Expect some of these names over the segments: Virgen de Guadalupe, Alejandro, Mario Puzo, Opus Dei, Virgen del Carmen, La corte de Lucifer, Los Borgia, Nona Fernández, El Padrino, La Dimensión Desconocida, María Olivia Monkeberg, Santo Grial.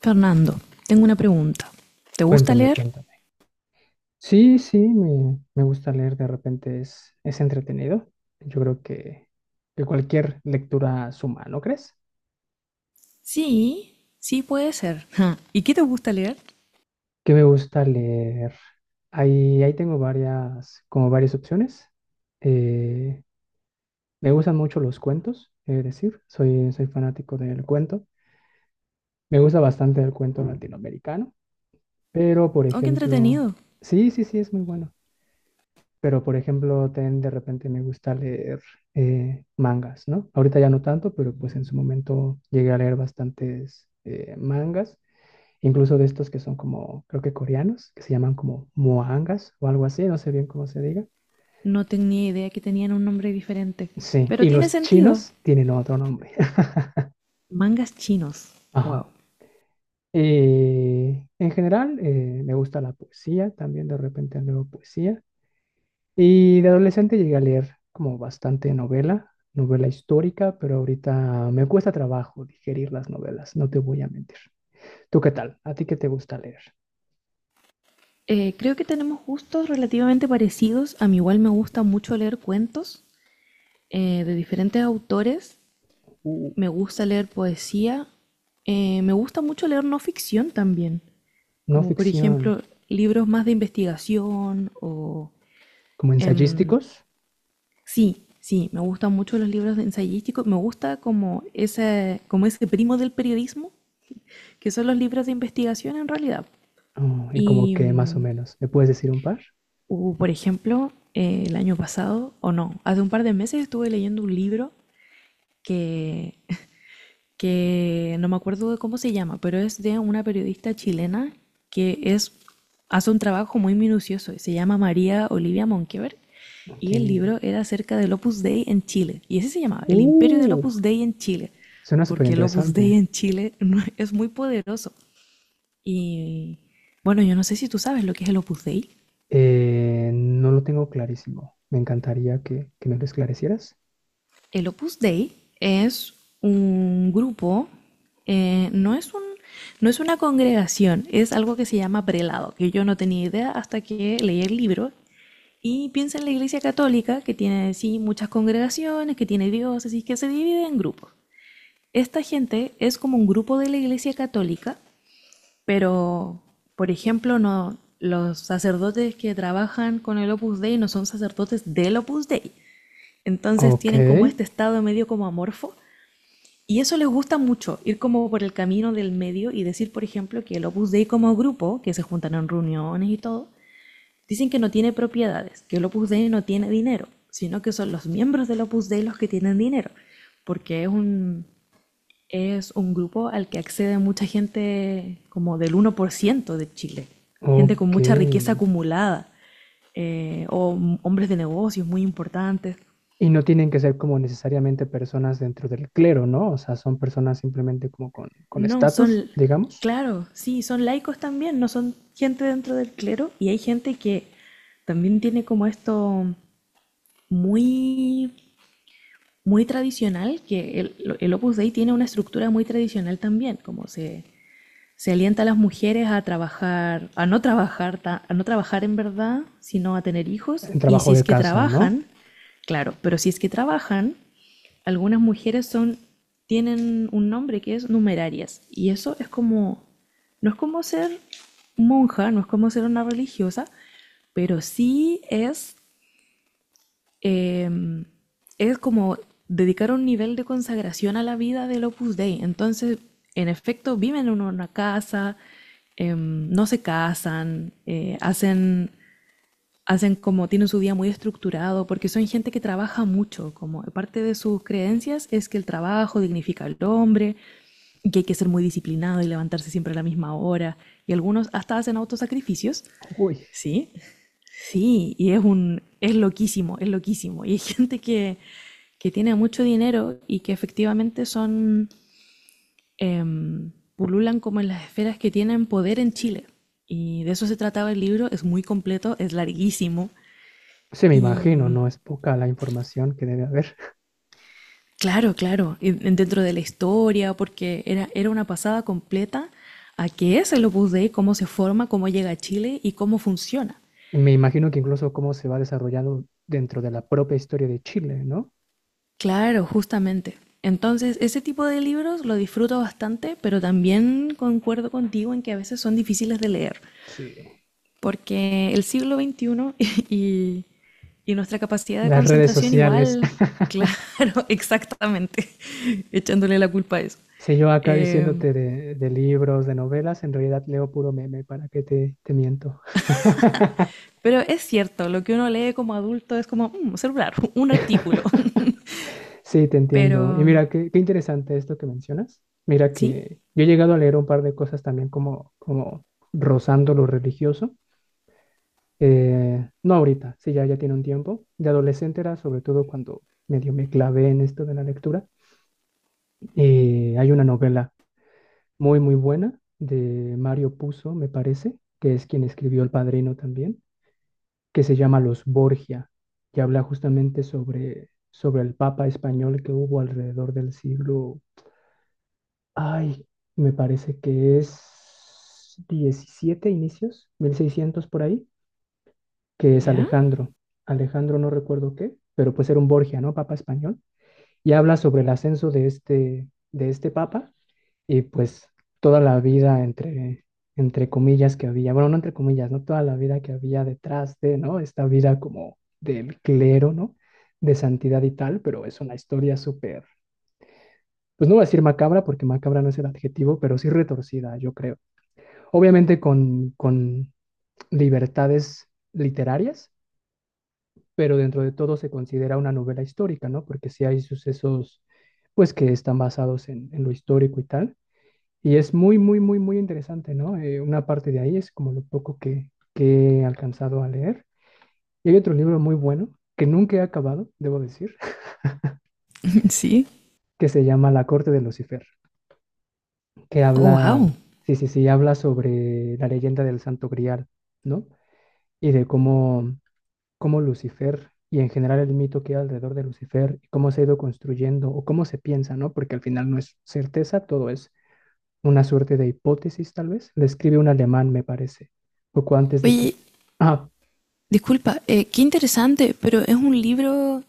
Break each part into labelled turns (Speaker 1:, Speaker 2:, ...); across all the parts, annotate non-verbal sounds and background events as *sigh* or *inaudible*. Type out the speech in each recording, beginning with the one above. Speaker 1: Fernando, tengo una pregunta. ¿Te gusta
Speaker 2: Cuéntame,
Speaker 1: leer?
Speaker 2: cuéntame. Sí, sí, me gusta leer, de repente es entretenido. Yo creo que cualquier lectura suma, ¿no crees?
Speaker 1: Sí, sí puede ser. Ja, ¿y qué te gusta leer?
Speaker 2: ¿Qué me gusta leer? Ahí tengo varias, como varias opciones. Eh, Me gustan mucho los cuentos, es decir, soy fanático del cuento. Me gusta bastante el cuento latinoamericano, pero por
Speaker 1: Aunque
Speaker 2: ejemplo,
Speaker 1: entretenido.
Speaker 2: sí, sí, sí, es muy bueno. Pero, por ejemplo, ten de repente me gusta leer mangas, ¿no? Ahorita ya no tanto, pero pues en su momento llegué a leer bastantes mangas, incluso de estos que son como, creo que coreanos, que se llaman como moangas o algo así, no sé bien cómo se diga.
Speaker 1: No tenía idea que tenían un nombre diferente.
Speaker 2: Sí,
Speaker 1: Pero
Speaker 2: y
Speaker 1: tiene
Speaker 2: los
Speaker 1: sentido.
Speaker 2: chinos tienen otro nombre.
Speaker 1: Mangas chinos.
Speaker 2: *laughs* Ajá.
Speaker 1: Wow.
Speaker 2: Y en general, me gusta la poesía, también de repente leo poesía. Y de adolescente llegué a leer como bastante novela, novela histórica, pero ahorita me cuesta trabajo digerir las novelas, no te voy a mentir. ¿Tú qué tal? ¿A ti qué te gusta leer?
Speaker 1: Creo que tenemos gustos relativamente parecidos. A mí igual me gusta mucho leer cuentos de diferentes autores.
Speaker 2: Uh,
Speaker 1: Me gusta leer poesía. Me gusta mucho leer no ficción también,
Speaker 2: no
Speaker 1: como por
Speaker 2: ficción,
Speaker 1: ejemplo libros más de investigación o...
Speaker 2: como
Speaker 1: Em,
Speaker 2: ensayísticos.
Speaker 1: sí, sí, me gustan mucho los libros de ensayísticos. Me gusta como ese primo del periodismo, que son los libros de investigación en realidad.
Speaker 2: Oh, y como
Speaker 1: Y
Speaker 2: que más o menos. ¿Me puedes decir un par?
Speaker 1: hubo, por ejemplo, el año pasado, o no, hace un par de meses estuve leyendo un libro que que no me acuerdo de cómo se llama, pero es de una periodista chilena que es, hace un trabajo muy minucioso. Y se llama María Olivia Monkeberg
Speaker 2: Ok.
Speaker 1: y el libro era acerca del Opus Dei en Chile. Y ese se llamaba El Imperio del
Speaker 2: Uh,
Speaker 1: Opus Dei en Chile,
Speaker 2: Suena súper
Speaker 1: porque el Opus Dei
Speaker 2: interesante.
Speaker 1: en Chile *laughs* es muy poderoso. Y bueno, yo no sé si tú sabes lo que es el Opus Dei.
Speaker 2: No lo tengo clarísimo. Me encantaría que me lo esclarecieras.
Speaker 1: El Opus Dei es un grupo, no es un, no es una congregación, es algo que se llama prelado, que yo no tenía idea hasta que leí el libro. Y piensa en la Iglesia Católica, que tiene sí muchas congregaciones, que tiene diócesis, que se divide en grupos. Esta gente es como un grupo de la Iglesia Católica, pero, por ejemplo, no, los sacerdotes que trabajan con el Opus Dei no son sacerdotes del Opus Dei. Entonces
Speaker 2: Ok,
Speaker 1: tienen como este estado medio como amorfo, y eso les gusta mucho, ir como por el camino del medio y decir, por ejemplo, que el Opus Dei como grupo, que se juntan en reuniones y todo, dicen que no tiene propiedades, que el Opus Dei no tiene dinero, sino que son los miembros del Opus Dei los que tienen dinero, porque es un grupo al que accede mucha gente como del uno por ciento de Chile, gente con
Speaker 2: ok.
Speaker 1: mucha riqueza acumulada, o hombres de negocios muy importantes.
Speaker 2: Y no tienen que ser como necesariamente personas dentro del clero, ¿no? O sea, son personas simplemente como con
Speaker 1: No,
Speaker 2: estatus,
Speaker 1: son,
Speaker 2: digamos,
Speaker 1: claro, sí, son laicos también, no son gente dentro del clero y hay gente que también tiene como esto muy, muy tradicional, que el Opus Dei tiene una estructura muy tradicional también, como se alienta a las mujeres a trabajar, a no trabajar, a no trabajar en verdad, sino a tener hijos.
Speaker 2: en
Speaker 1: Y
Speaker 2: trabajo
Speaker 1: si es
Speaker 2: de
Speaker 1: que
Speaker 2: casa, ¿no?
Speaker 1: trabajan, claro, pero si es que trabajan, algunas mujeres son, tienen un nombre que es numerarias. Y eso es como, no es como ser monja, no es como ser una religiosa, pero sí es em, es como dedicar un nivel de consagración a la vida del Opus Dei. Entonces, en efecto, viven en una casa, no se casan, hacen, hacen como, tienen su día muy estructurado, porque son gente que trabaja mucho, como parte de sus creencias es que el trabajo dignifica al hombre, y que hay que ser muy disciplinado y levantarse siempre a la misma hora, y algunos hasta hacen autosacrificios,
Speaker 2: Uy,
Speaker 1: ¿sí? Sí, y es un, es loquísimo, es loquísimo. Y hay *laughs* gente que tiene mucho dinero y que efectivamente son, em, pululan como en las esferas que tienen poder en Chile. Y de eso se trataba el libro, es muy completo, es larguísimo.
Speaker 2: se me
Speaker 1: Y
Speaker 2: imagino, no es poca la información que debe haber.
Speaker 1: claro, claro, y dentro de la historia, porque era, era una pasada completa a qué es el Opus Dei, cómo se forma, cómo llega a Chile y cómo funciona.
Speaker 2: Y me imagino que incluso cómo se va desarrollando dentro de la propia historia de Chile, ¿no?
Speaker 1: Claro, justamente. Entonces, ese tipo de libros lo disfruto bastante, pero también concuerdo contigo en que a veces son difíciles de leer,
Speaker 2: Sí.
Speaker 1: porque el siglo XXI *laughs* y, y nuestra capacidad de
Speaker 2: Las redes
Speaker 1: concentración
Speaker 2: sociales.
Speaker 1: igual,
Speaker 2: *laughs*
Speaker 1: claro, *laughs* exactamente, *laughs* echándole la culpa a eso.
Speaker 2: Si yo acá
Speaker 1: Eh,
Speaker 2: diciéndote de libros, de novelas, en realidad leo puro meme, ¿para qué te miento? *laughs*
Speaker 1: pero es cierto, lo que uno lee como adulto es como un celular, *laughs* un artículo. *laughs*
Speaker 2: Sí, te
Speaker 1: Pero,
Speaker 2: entiendo. Y mira, qué interesante esto que mencionas. Mira
Speaker 1: ¿sí?
Speaker 2: que yo he llegado a leer un par de cosas también como, como rozando lo religioso. No ahorita, sí, ya, ya tiene un tiempo. De adolescente era sobre todo cuando medio me clavé en esto de la lectura. Hay una novela muy, muy buena de Mario Puzo, me parece, que es quien escribió El Padrino también, que se llama Los Borgia, que habla justamente sobre el papa español que hubo alrededor del siglo Ay, me parece que es 17 inicios, 1600 por ahí, que es
Speaker 1: ¿Ya?
Speaker 2: Alejandro. Alejandro no recuerdo qué, pero pues era un Borgia, ¿no? Papa español. Y habla sobre el ascenso de este papa y pues toda la vida entre comillas que había, bueno, no entre comillas, ¿no? Toda la vida que había detrás de, ¿no? Esta vida como del clero, ¿no? De santidad y tal, pero es una historia súper pues no voy a decir macabra porque macabra no es el adjetivo, pero sí retorcida, yo creo. Obviamente con libertades literarias, pero dentro de todo se considera una novela histórica, ¿no? Porque sí hay sucesos, pues, que están basados en lo histórico y tal. Y es muy, muy, muy, muy interesante, ¿no? Una parte de ahí es como lo poco que he alcanzado a leer. Y hay otro libro muy bueno que nunca he acabado, debo decir,
Speaker 1: *laughs* Sí.
Speaker 2: *laughs* que se llama La Corte de Lucifer, que
Speaker 1: Oh,
Speaker 2: habla,
Speaker 1: wow.
Speaker 2: sí, sí, sí, habla sobre la leyenda del Santo Grial, ¿no? Y de cómo Lucifer y en general el mito que hay alrededor de Lucifer y cómo se ha ido construyendo o cómo se piensa, ¿no? Porque al final no es certeza, todo es una suerte de hipótesis tal vez. Le escribe un alemán, me parece, poco antes de que...
Speaker 1: Oye,
Speaker 2: Ah,
Speaker 1: disculpa, qué interesante, pero es un libro,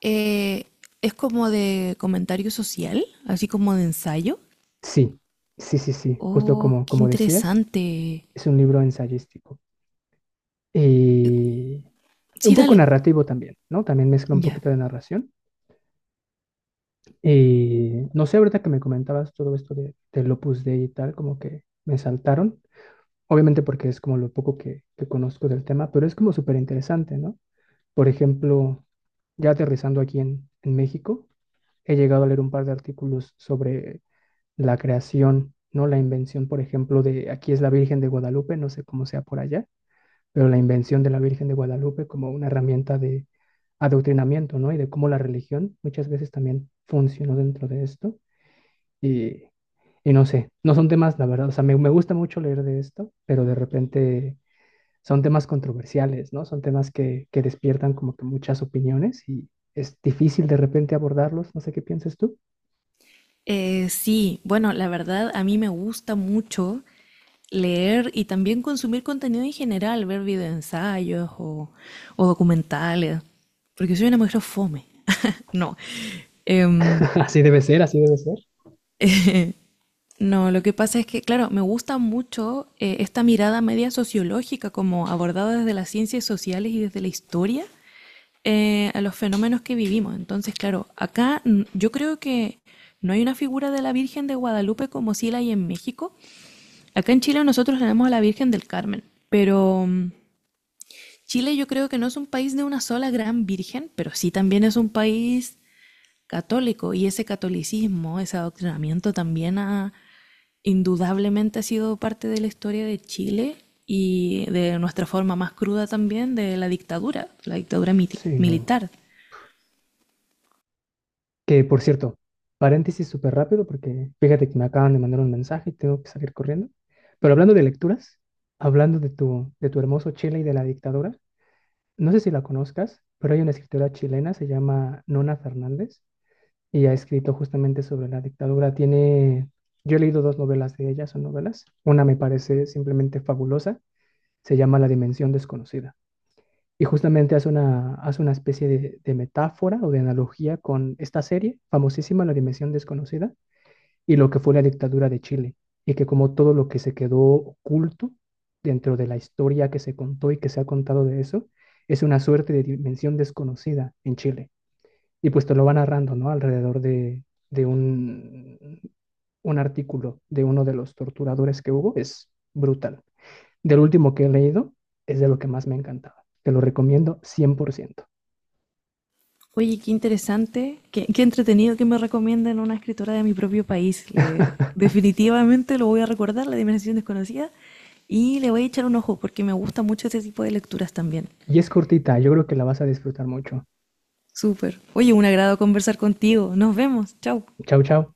Speaker 1: eh, es como de comentario social, así como de ensayo.
Speaker 2: sí, sí, sí, sí, justo
Speaker 1: Oh,
Speaker 2: como,
Speaker 1: qué
Speaker 2: como decías,
Speaker 1: interesante.
Speaker 2: es un libro ensayístico y un
Speaker 1: Sí,
Speaker 2: poco
Speaker 1: dale.
Speaker 2: narrativo también, ¿no? También mezcla un
Speaker 1: Ya.
Speaker 2: poquito de narración. Y no sé, ahorita que me comentabas todo esto del Opus Dei y tal, como que me saltaron obviamente porque es como lo poco que conozco del tema, pero es como súper interesante, ¿no? Por ejemplo, ya aterrizando aquí en México, he llegado a leer un par de artículos sobre la creación, ¿no? La invención, por ejemplo, de aquí es la Virgen de Guadalupe, no sé cómo sea por allá, pero la invención de la Virgen de Guadalupe como una herramienta de adoctrinamiento, ¿no? Y de cómo la religión muchas veces también funcionó dentro de esto. Y, y no sé, no son temas, la verdad, o sea, me gusta mucho leer de esto, pero de repente son temas controversiales, ¿no? Son temas que despiertan como que muchas opiniones y es difícil de repente abordarlos, no sé qué piensas tú.
Speaker 1: Sí, bueno, la verdad a mí me gusta mucho leer y también consumir contenido en general, ver videoensayos o documentales, porque soy una mujer fome. *laughs* No. Em,
Speaker 2: *laughs* Así debe ser, así debe ser.
Speaker 1: *laughs* No, lo que pasa es que, claro, me gusta mucho esta mirada media sociológica, como abordada desde las ciencias sociales y desde la historia a los fenómenos que vivimos. Entonces, claro, acá yo creo que no hay una figura de la Virgen de Guadalupe como sí la hay en México. Acá en Chile nosotros tenemos a la Virgen del Carmen, pero Chile yo creo que no es un país de una sola gran virgen, pero sí también es un país católico y ese catolicismo, ese adoctrinamiento también ha indudablemente ha sido parte de la historia de Chile y de nuestra forma más cruda también de la dictadura
Speaker 2: Sí, no.
Speaker 1: militar.
Speaker 2: Que por cierto, paréntesis súper rápido porque fíjate que me acaban de mandar un mensaje y tengo que salir corriendo. Pero hablando de lecturas, hablando de tu hermoso Chile y de la dictadura, no sé si la conozcas, pero hay una escritora chilena, se llama Nona Fernández. Y ha escrito justamente sobre la dictadura. Tiene, yo he leído 2 novelas de ella, son novelas. Una me parece simplemente fabulosa, se llama La Dimensión Desconocida. Y justamente hace una especie de metáfora o de analogía con esta serie famosísima, La Dimensión Desconocida, y lo que fue la dictadura de Chile. Y que como todo lo que se quedó oculto dentro de la historia que se contó y que se ha contado de eso, es una suerte de dimensión desconocida en Chile y pues te lo va narrando, ¿no? Alrededor de, de un artículo de uno de los torturadores que hubo, es brutal. Del último que he leído, es de lo que más me encantaba. Te lo recomiendo 100%.
Speaker 1: Oye, qué interesante, qué, qué entretenido que me recomienden una escritora de mi propio país. Le,
Speaker 2: *laughs*
Speaker 1: definitivamente lo voy a recordar, La Dimensión Desconocida, y le voy a echar un ojo porque me gusta mucho este tipo de lecturas también.
Speaker 2: Y es cortita, yo creo que la vas a disfrutar mucho.
Speaker 1: Súper. Oye, un agrado conversar contigo. Nos vemos. Chau.
Speaker 2: Chao, chao.